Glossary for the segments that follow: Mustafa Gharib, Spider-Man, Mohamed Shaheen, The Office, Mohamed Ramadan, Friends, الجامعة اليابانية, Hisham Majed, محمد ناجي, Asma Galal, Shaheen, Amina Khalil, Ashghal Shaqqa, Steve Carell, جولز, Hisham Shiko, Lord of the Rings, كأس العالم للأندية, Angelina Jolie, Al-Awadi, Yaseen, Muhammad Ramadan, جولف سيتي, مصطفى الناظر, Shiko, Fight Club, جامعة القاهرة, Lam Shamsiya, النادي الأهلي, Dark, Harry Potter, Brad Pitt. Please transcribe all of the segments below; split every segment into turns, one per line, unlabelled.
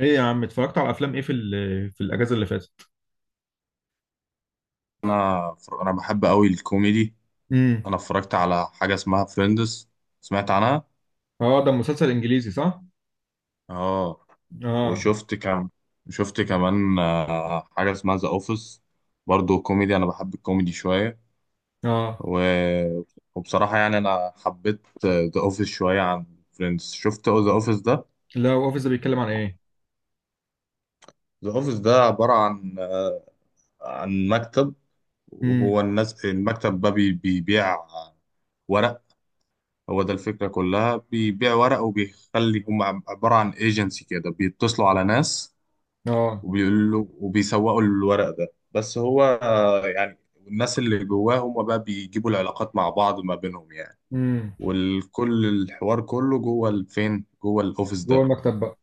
ايه يا عم، اتفرجت على افلام ايه في الاجازه اللي فاتت؟
انا انا بحب قوي الكوميدي.
امم.
انا اتفرجت على حاجه اسمها فريندز. سمعت عنها.
اه، ده مسلسل انجليزي صح؟
اه.
اه
وشفت كم شفت كمان حاجه اسمها ذا اوفيس. برضو كوميدي، انا بحب الكوميدي شويه.
اه.
و... وبصراحه يعني انا حبيت ذا اوفيس شويه عن فريندز. شفت ذا اوفيس ده.
لا، اوفيس ده بيتكلم عن ايه؟
ذا اوفيس ده عباره عن عن مكتب.
امم.
وهو الناس المكتب ده بيبيع ورق. هو ده الفكرة كلها، بيبيع ورق وبيخلي هم عبارة عن ايجنسي كده، بيتصلوا على ناس
اه.
وبيقولوا وبيسوقوا الورق ده. بس هو يعني الناس اللي جواه هم بقى بيجيبوا العلاقات مع بعض ما بينهم يعني.
امم.
والكل الحوار كله جوه الفين، جوه الاوفيس
جوه
ده.
المكتب بقى.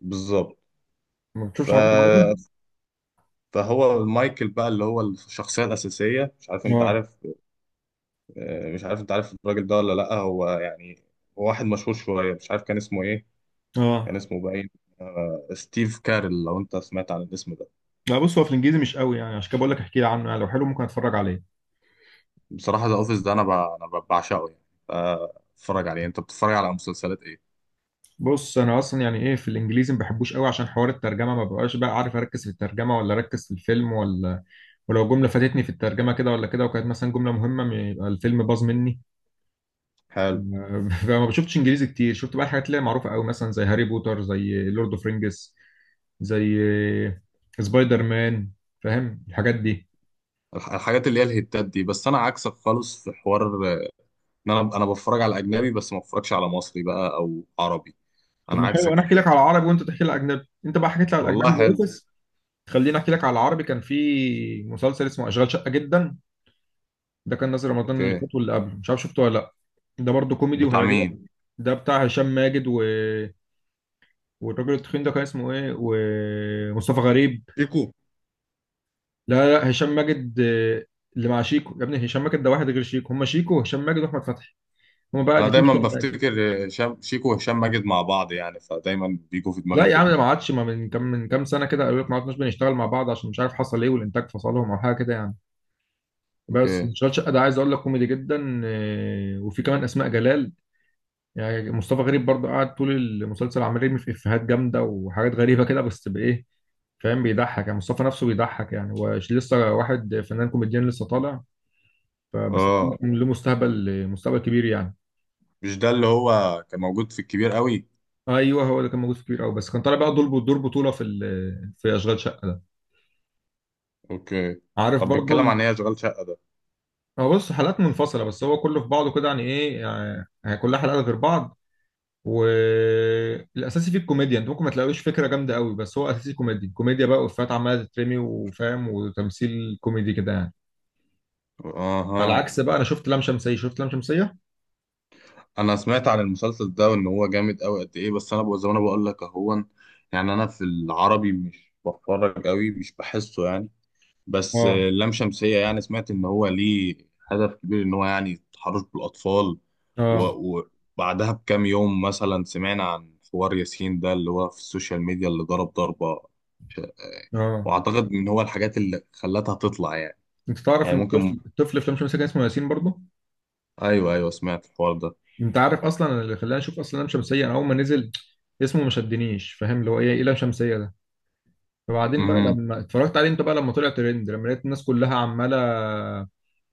بالظبط.
ما
ف...
بتشوفش حاجات عربي؟
فهو مايكل بقى اللي هو الشخصية الأساسية، مش عارف انت
اه.
عارف. مش عارف انت عارف الراجل ده ولا لأ. هو يعني هو واحد مشهور شوية، مش عارف كان اسمه ايه. كان
اه.
اسمه باين ستيف كارل، لو انت سمعت عن الاسم ده.
لا، بص هو في الانجليزي مش قوي، يعني عشان كده بقول لك احكي لي عنه، يعني لو حلو ممكن اتفرج عليه.
بصراحة ذا اوفيس ده انا بعشقه يعني. اتفرج عليه. انت بتتفرج على مسلسلات ايه؟
بص انا اصلا يعني ايه، في الانجليزي ما بحبوش قوي عشان حوار الترجمه ما ببقاش بقى عارف اركز في الترجمه ولا اركز في الفيلم ولا، ولو جمله فاتتني في الترجمه كده ولا كده وكانت مثلا جمله مهمه يبقى الفيلم باظ مني.
حلو.
فما بشوفتش انجليزي كتير، شفت بقى الحاجات اللي هي معروفه قوي مثلا زي هاري بوتر، زي لورد اوف رينجز، زي سبايدر مان، فاهم الحاجات دي.
الحاجات اللي هي الهيتات دي. بس انا عكسك خالص في حوار، آه، ان انا بتفرج على اجنبي بس ما بتفرجش على مصري بقى او عربي.
طب
انا
ما حلو،
عكسك
انا
في
احكي لك على
الحتة دي.
العربي وانت تحكي لي على الاجنبي، انت بقى حكيت لي على
والله
الاجنبي زي
حلو.
اوفيس. خليني احكي لك على العربي، كان في مسلسل اسمه اشغال شقه جدا، ده كان نازل رمضان اللي
اوكي.
فات واللي قبله، مش عارف شفته ولا لا. ده برضه كوميدي
بتاع
وهيعجبك.
مين؟
ده بتاع هشام ماجد والراجل التخين ده كان اسمه ايه، ومصطفى غريب.
شيكو.
لا، لا، هشام ماجد. اللي مع شيكو يا ابني، هشام ماجد ده واحد غير شيكو، هم شيكو وهشام ماجد واحمد فتحي. هم بقى
انا
الاثنين.
دايما بفتكر هشام شيكو وهشام ماجد مع بعض يعني، فدايما بيجوا في
لا
دماغي
يا عم،
كده.
ده ما عادش، ما من كام من كام سنه كده، قالوا لك ما عدناش بنشتغل مع بعض عشان مش عارف حصل ايه، والانتاج فصلهم او حاجه كده يعني. بس
اوكي.
شغال شقه ده عايز اقول لك كوميدي جدا، وفي كمان اسماء جلال. يعني مصطفى غريب برضه قاعد طول المسلسل عمال يرمي في افيهات جامده وحاجات غريبه كده، بس بايه، فاهم، بيضحك يعني، مصطفى نفسه بيضحك، يعني هو لسه واحد فنان كوميديان لسه طالع. فبس،
اه.
له مستقبل، مستقبل كبير يعني.
مش ده اللي هو كان موجود في الكبير قوي؟
ايوه، هو اللي كان موجود في كبير قوي، بس كان طالع بقى دور بطوله في اشغال شقه ده.
اوكي.
عارف
طب
برضو
بيتكلم عن
ال...
ايه اشغال شقه ده؟
هو بص، حلقات منفصله بس هو كله في بعضه كده يعني ايه، يعني كلها حلقات غير بعض. والاساسي فيه الكوميديا، انت ممكن ما تلاقيش فكره جامده قوي، بس هو اساسي كوميدي كوميديا بقى، وافيهات عماله تترمي وفاهم، وتمثيل كوميدي كده يعني. على
اها.
عكس بقى، انا شفت لام شمسيه.
انا سمعت عن المسلسل ده وان هو جامد قوي قد ايه، بس انا بقول زي ما انا بقول لك اهون. يعني انا في العربي مش بتفرج قوي، مش بحسه يعني. بس
اه.
لام شمسية يعني سمعت ان هو ليه هدف كبير ان هو يعني التحرش بالاطفال.
اه.
و- وبعدها بكام يوم مثلا سمعنا عن حوار ياسين ده اللي هو في السوشيال ميديا، اللي ضرب ضربة ش- آه،
اه.
واعتقد ان هو الحاجات اللي خلتها تطلع يعني.
انت تعرف
يعني
ان
ممكن.
الطفل في لام شمسيه كان اسمه ياسين برضو.
ايوه، ايوه، سمعت الحوار ده.
انت عارف اصلا أنا اللي خلاني اشوف اصلا لام شمسيه، انا اول ما نزل اسمه ما شدنيش، فاهم اللي هو ايه لام شمسيه ده. فبعدين بقى
امم.
لما اتفرجت عليه، انت بقى لما طلع ترند، لما لقيت الناس كلها عماله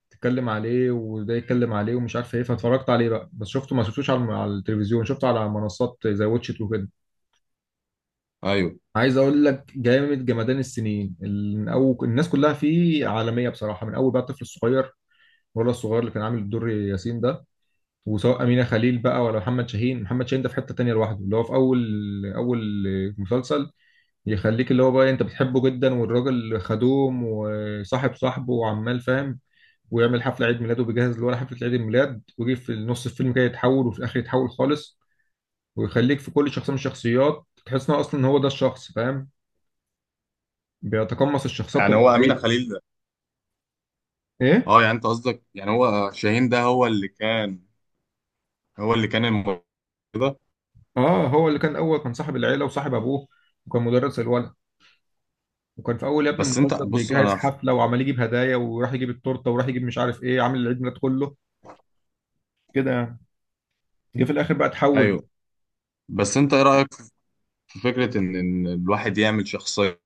تتكلم عليه وده يتكلم عليه ومش عارف ايه، فاتفرجت عليه بقى، بس شفته ما شفتوش على التلفزيون، شفته على منصات زي واتشت وكده.
ايوه،
عايز اقول لك جامد جمدان، السنين من اول الناس كلها فيه عالميه بصراحه، من اول بقى الطفل الصغير، ولا الصغير اللي كان عامل الدور ياسين ده، وسواء أمينة خليل بقى ولا محمد شاهين، محمد شاهين ده في حتة تانية لوحده، اللي هو في أول مسلسل يخليك، اللي هو بقى أنت بتحبه جدا، والراجل خدوم وصاحب صاحبه وعمال فاهم، ويعمل حفلة عيد ميلاد وبيجهز اللي هو حفلة عيد الميلاد، ويجي في نص الفيلم كده يتحول، وفي الآخر يتحول خالص، ويخليك في كل شخصية من الشخصيات تحس إن هو أصلا هو ده الشخص، فاهم، بيتقمص الشخصية
يعني
بطريقة
هو امينه
غريبة.
خليل ده؟
إيه؟
اه يعني انت قصدك يعني هو شاهين ده هو اللي كان. هو اللي كان الموضوع ده.
هو اللي كان أول، كان صاحب العيلة وصاحب أبوه، وكان مدرس الولد، وكان في اول يا ابني
بس انت
المسلسل
بص
بيجهز
انا.
حفله وعمال يجيب هدايا، وراح يجيب التورته، وراح يجيب مش عارف ايه، عامل العيد ميلاد كله كده يعني. جه في الاخر بقى اتحول
ايوه.
بقى.
بس انت ايه رايك في فكره ان الواحد يعمل شخصيه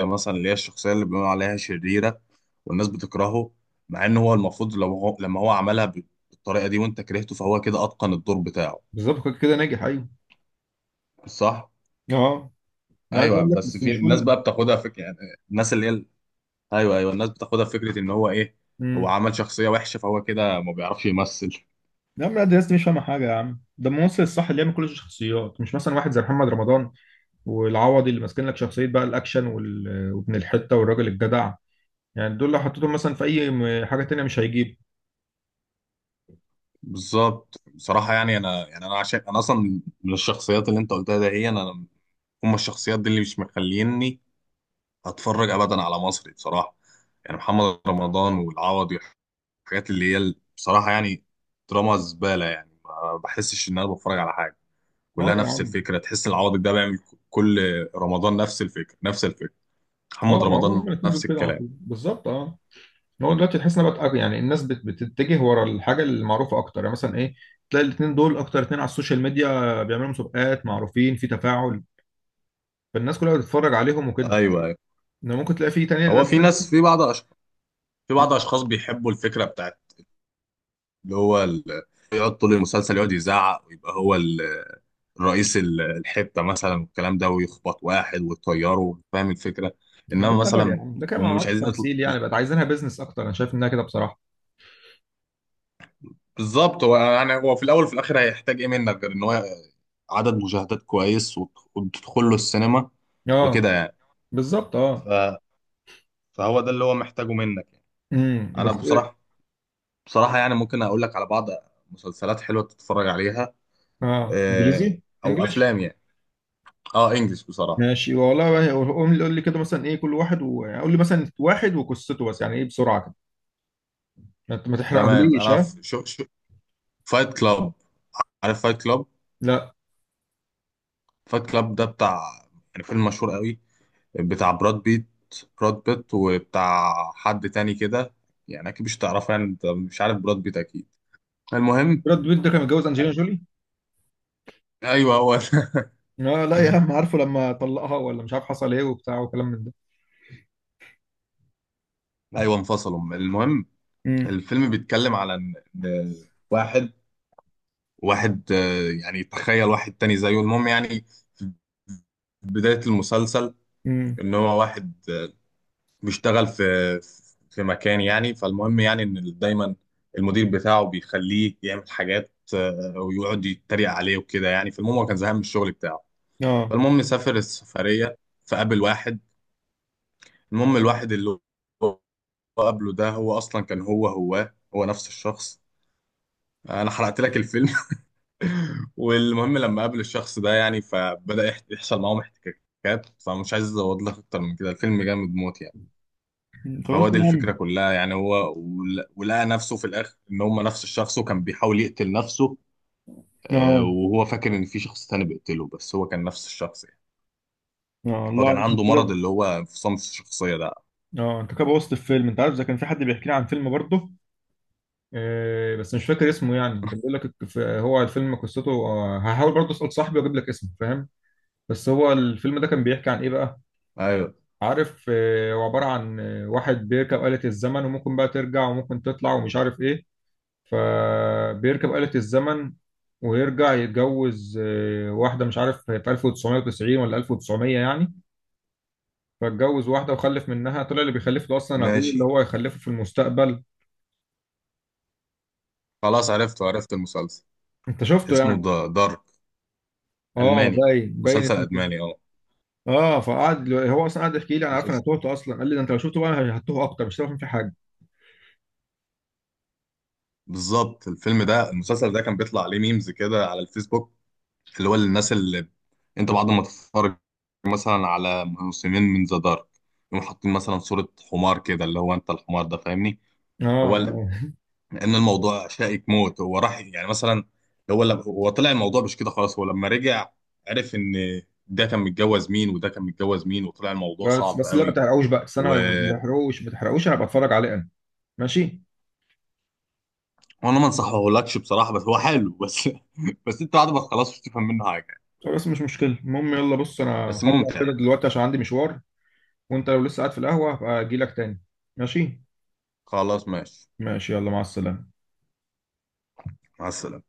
مثلا اللي هي الشخصيه اللي بيقولوا عليها شريره والناس بتكرهه؟ مع ان هو المفروض لو هو لما هو عملها بالطريقه دي وانت كرهته، فهو كده اتقن الدور بتاعه.
بالظبط، كده كده ناجح، ايوه.
صح.
اه. انا عايز
ايوه،
اقول لك
بس
بس
في
مش
الناس
كل.
بقى بتاخدها فكره يعني. الناس اللي هي، ايوه، ايوه، الناس بتاخدها في فكره ان هو ايه، هو
امم.
عمل شخصيه وحشه فهو كده ما بيعرفش يمثل.
يا عم لا، ده الناس دي مش فاهمه حاجه يا عم، ده الممثل الصح اللي يعمل كل الشخصيات، مش مثلا واحد زي محمد رمضان والعوضي، اللي ماسكين لك شخصيه بقى الاكشن وابن الحته والراجل الجدع، يعني دول لو حطيتهم مثلا في اي حاجه تانيه مش هيجيب.
بالظبط. بصراحه يعني انا، يعني انا عشان انا اصلا من الشخصيات اللي انت قلتها ده هي انا. هم الشخصيات دي اللي مش مخليني اتفرج ابدا على مصري بصراحه. يعني محمد رمضان والعوضي، الحاجات اللي هي بصراحه يعني دراما زباله. يعني ما بحسش ان انا بتفرج على حاجه.
اه
كلها
يا
نفس
عم.
الفكره. تحس العوضي ده بيعمل كل رمضان نفس الفكره، نفس الفكره. محمد
اه، ما هو هما
رمضان
الاثنين دول
نفس
كده على
الكلام.
طول بالظبط، اه. هو دلوقتي تحس ان بقى يعني الناس بتتجه ورا الحاجه المعروفه اكتر، يعني مثلا ايه، تلاقي الاثنين دول اكتر اثنين على السوشيال ميديا، بيعملوا مسابقات، معروفين في تفاعل، فالناس كلها بتتفرج عليهم وكده.
ايوه، أيوة.
انما ممكن تلاقي في تانية،
هو
ناس
في ناس،
تانية-
في بعض أشخاص، بيحبوا الفكرة بتاعت اللي هو ال... يقعد طول المسلسل يقعد يزعق ويبقى هو رئيس الحتة مثلا والكلام ده، ويخبط واحد ويطيره، فاهم الفكرة.
ما
إنما
ده هبل
مثلا
يعني، ده كده ما
هم مش
عملتش
عايزين
تمثيل، يعني بقت عايزينها بيزنس اكتر، انا شايف انها كده بصراحه.
بالظبط. هو يعني هو في الأول وفي الآخر هيحتاج إيه منك غير إن هو عدد مشاهدات كويس وتدخل له السينما
اه.
وكده يعني.
بالظبط،
ف...
اه.
فهو ده اللي هو محتاجه منك يعني.
امم
أنا
بس إيه؟
بصراحة، يعني ممكن أقول لك على بعض مسلسلات حلوة تتفرج عليها.
اه،
آه،
انجليزي،
او
انجلش.
افلام يعني. اه، انجلش بصراحه.
ماشي والله، بقى قوم قول لي كده مثلا ايه كل واحد يعني قول لي مثلا واحد وقصته، بس يعني ايه بسرعه كده، ما
تمام.
تحرقهوليش،
انا
ها.
في شو، فايت كلاب. عارف فايت كلاب؟
لا.
فايت كلاب ده بتاع يعني فيلم مشهور قوي، بتاع براد بيت. براد بيت وبتاع حد تاني كده. يعني اكيد مش تعرفه، يعني انت مش عارف براد بيت اكيد. المهم.
براد بيت ده كان متجوز انجلينا جولي.
ايوه هو ده.
اه لا، يا عم عارفه، لما طلقها ولا مش عارف حصل ايه وبتاع وكلام من ده.
ايوه انفصلوا. المهم
امم.
الفيلم بيتكلم على إن واحد واحد يعني تخيل واحد تاني زيه. المهم يعني في بداية المسلسل
امم.
ان هو واحد بيشتغل في مكان يعني، فالمهم يعني ان دايما المدير بتاعه بيخليه يعمل حاجات ويقعد يتريق عليه وكده يعني. فالمهم هو كان زهقان من الشغل بتاعه.
اه.
فالمهم سافر السفرية، فقابل واحد. المهم الواحد اللي هو قابله ده هو اصلا كان هو نفس الشخص. انا حرقت لك الفيلم. والمهم لما قابل الشخص ده يعني، فبدأ يحصل معاهم احتكاكات، فمش عايز ازود لك اكتر من كده. الفيلم جامد موت يعني.
مم. خلاص
فهو دي
يا عم.
الفكرة كلها يعني. هو ولقى نفسه في الآخر إن هم نفس الشخص، وكان بيحاول يقتل نفسه
اه.
وهو فاكر إن في شخص تاني بيقتله، بس هو كان نفس الشخص يعني.
اه،
هو
الله
كان
عليك أنت
عنده مرض
كده.
اللي هو انفصام في الشخصية ده.
اه، انت كده بوظت الفيلم، انت عارف ده كان في حد بيحكي لي عن فيلم برضه، بس مش فاكر اسمه، يعني كان بيقول لك هو الفيلم قصته، هحاول برضه اسال صاحبي واجيب لك اسمه، فاهم. بس هو الفيلم ده كان بيحكي عن ايه بقى؟
أيوه.
عارف، هو عباره عن واحد بيركب آلة الزمن، وممكن بقى ترجع وممكن تطلع ومش عارف ايه، فبيركب آلة الزمن، ويرجع يتجوز واحدة مش عارف في 1990 ولا 1900 يعني، فاتجوز واحدة وخلف منها، طلع اللي بيخلف له أصلا أبوه
ماشي.
اللي هو هيخلفه في المستقبل.
خلاص عرفته، عرفت المسلسل.
أنت شفته
اسمه
يعني؟
دارك.
اه،
ألماني،
باين باين
مسلسل
اسمه كده.
ألماني أه.
اه، فقعد هو اصلا قعد يحكي لي، انا عارف انا
مسلسل
تهت اصلا، قال لي ده انت لو شفته بقى هتوه اكتر مش هتعرف فيه حاجه.
بالظبط. الفيلم ده المسلسل ده كان بيطلع عليه ميمز كده على الفيسبوك، اللي هو الناس اللي انت بعد ما تتفرج مثلا على موسمين من ذا دارك، يقوم حاطين مثلا صورة حمار كده اللي هو انت الحمار ده، فاهمني؟
اه
هو ال-
ما-
لان الموضوع شائك موت. هو راح يعني مثلا، هو لما هو طلع الموضوع مش كده خلاص. هو لما رجع عرف ان ده كان متجوز مين وده كان متجوز مين، وطلع الموضوع صعب
بس بس لا ما
قوي.
تحرقوش بقى، بس
و...
انا، ما تحرقوش ما تحرقوش، انا بتفرج عليه انا. ماشي.
وانا ما انصحهولكش بصراحة، بس هو حلو بس. بس انت بعد ما تخلصه مش تفهم منه حاجة.
خلاص مش مشكله، المهم يلا بص، انا
بس
هطلع
ممتع
كده
يعني.
دلوقتي عشان عندي مشوار، وانت لو لسه قاعد في القهوة هبقى اجيلك تاني. ماشي.
خلاص ماشي.
ماشي، يلا مع السلامة.
مع السلامة.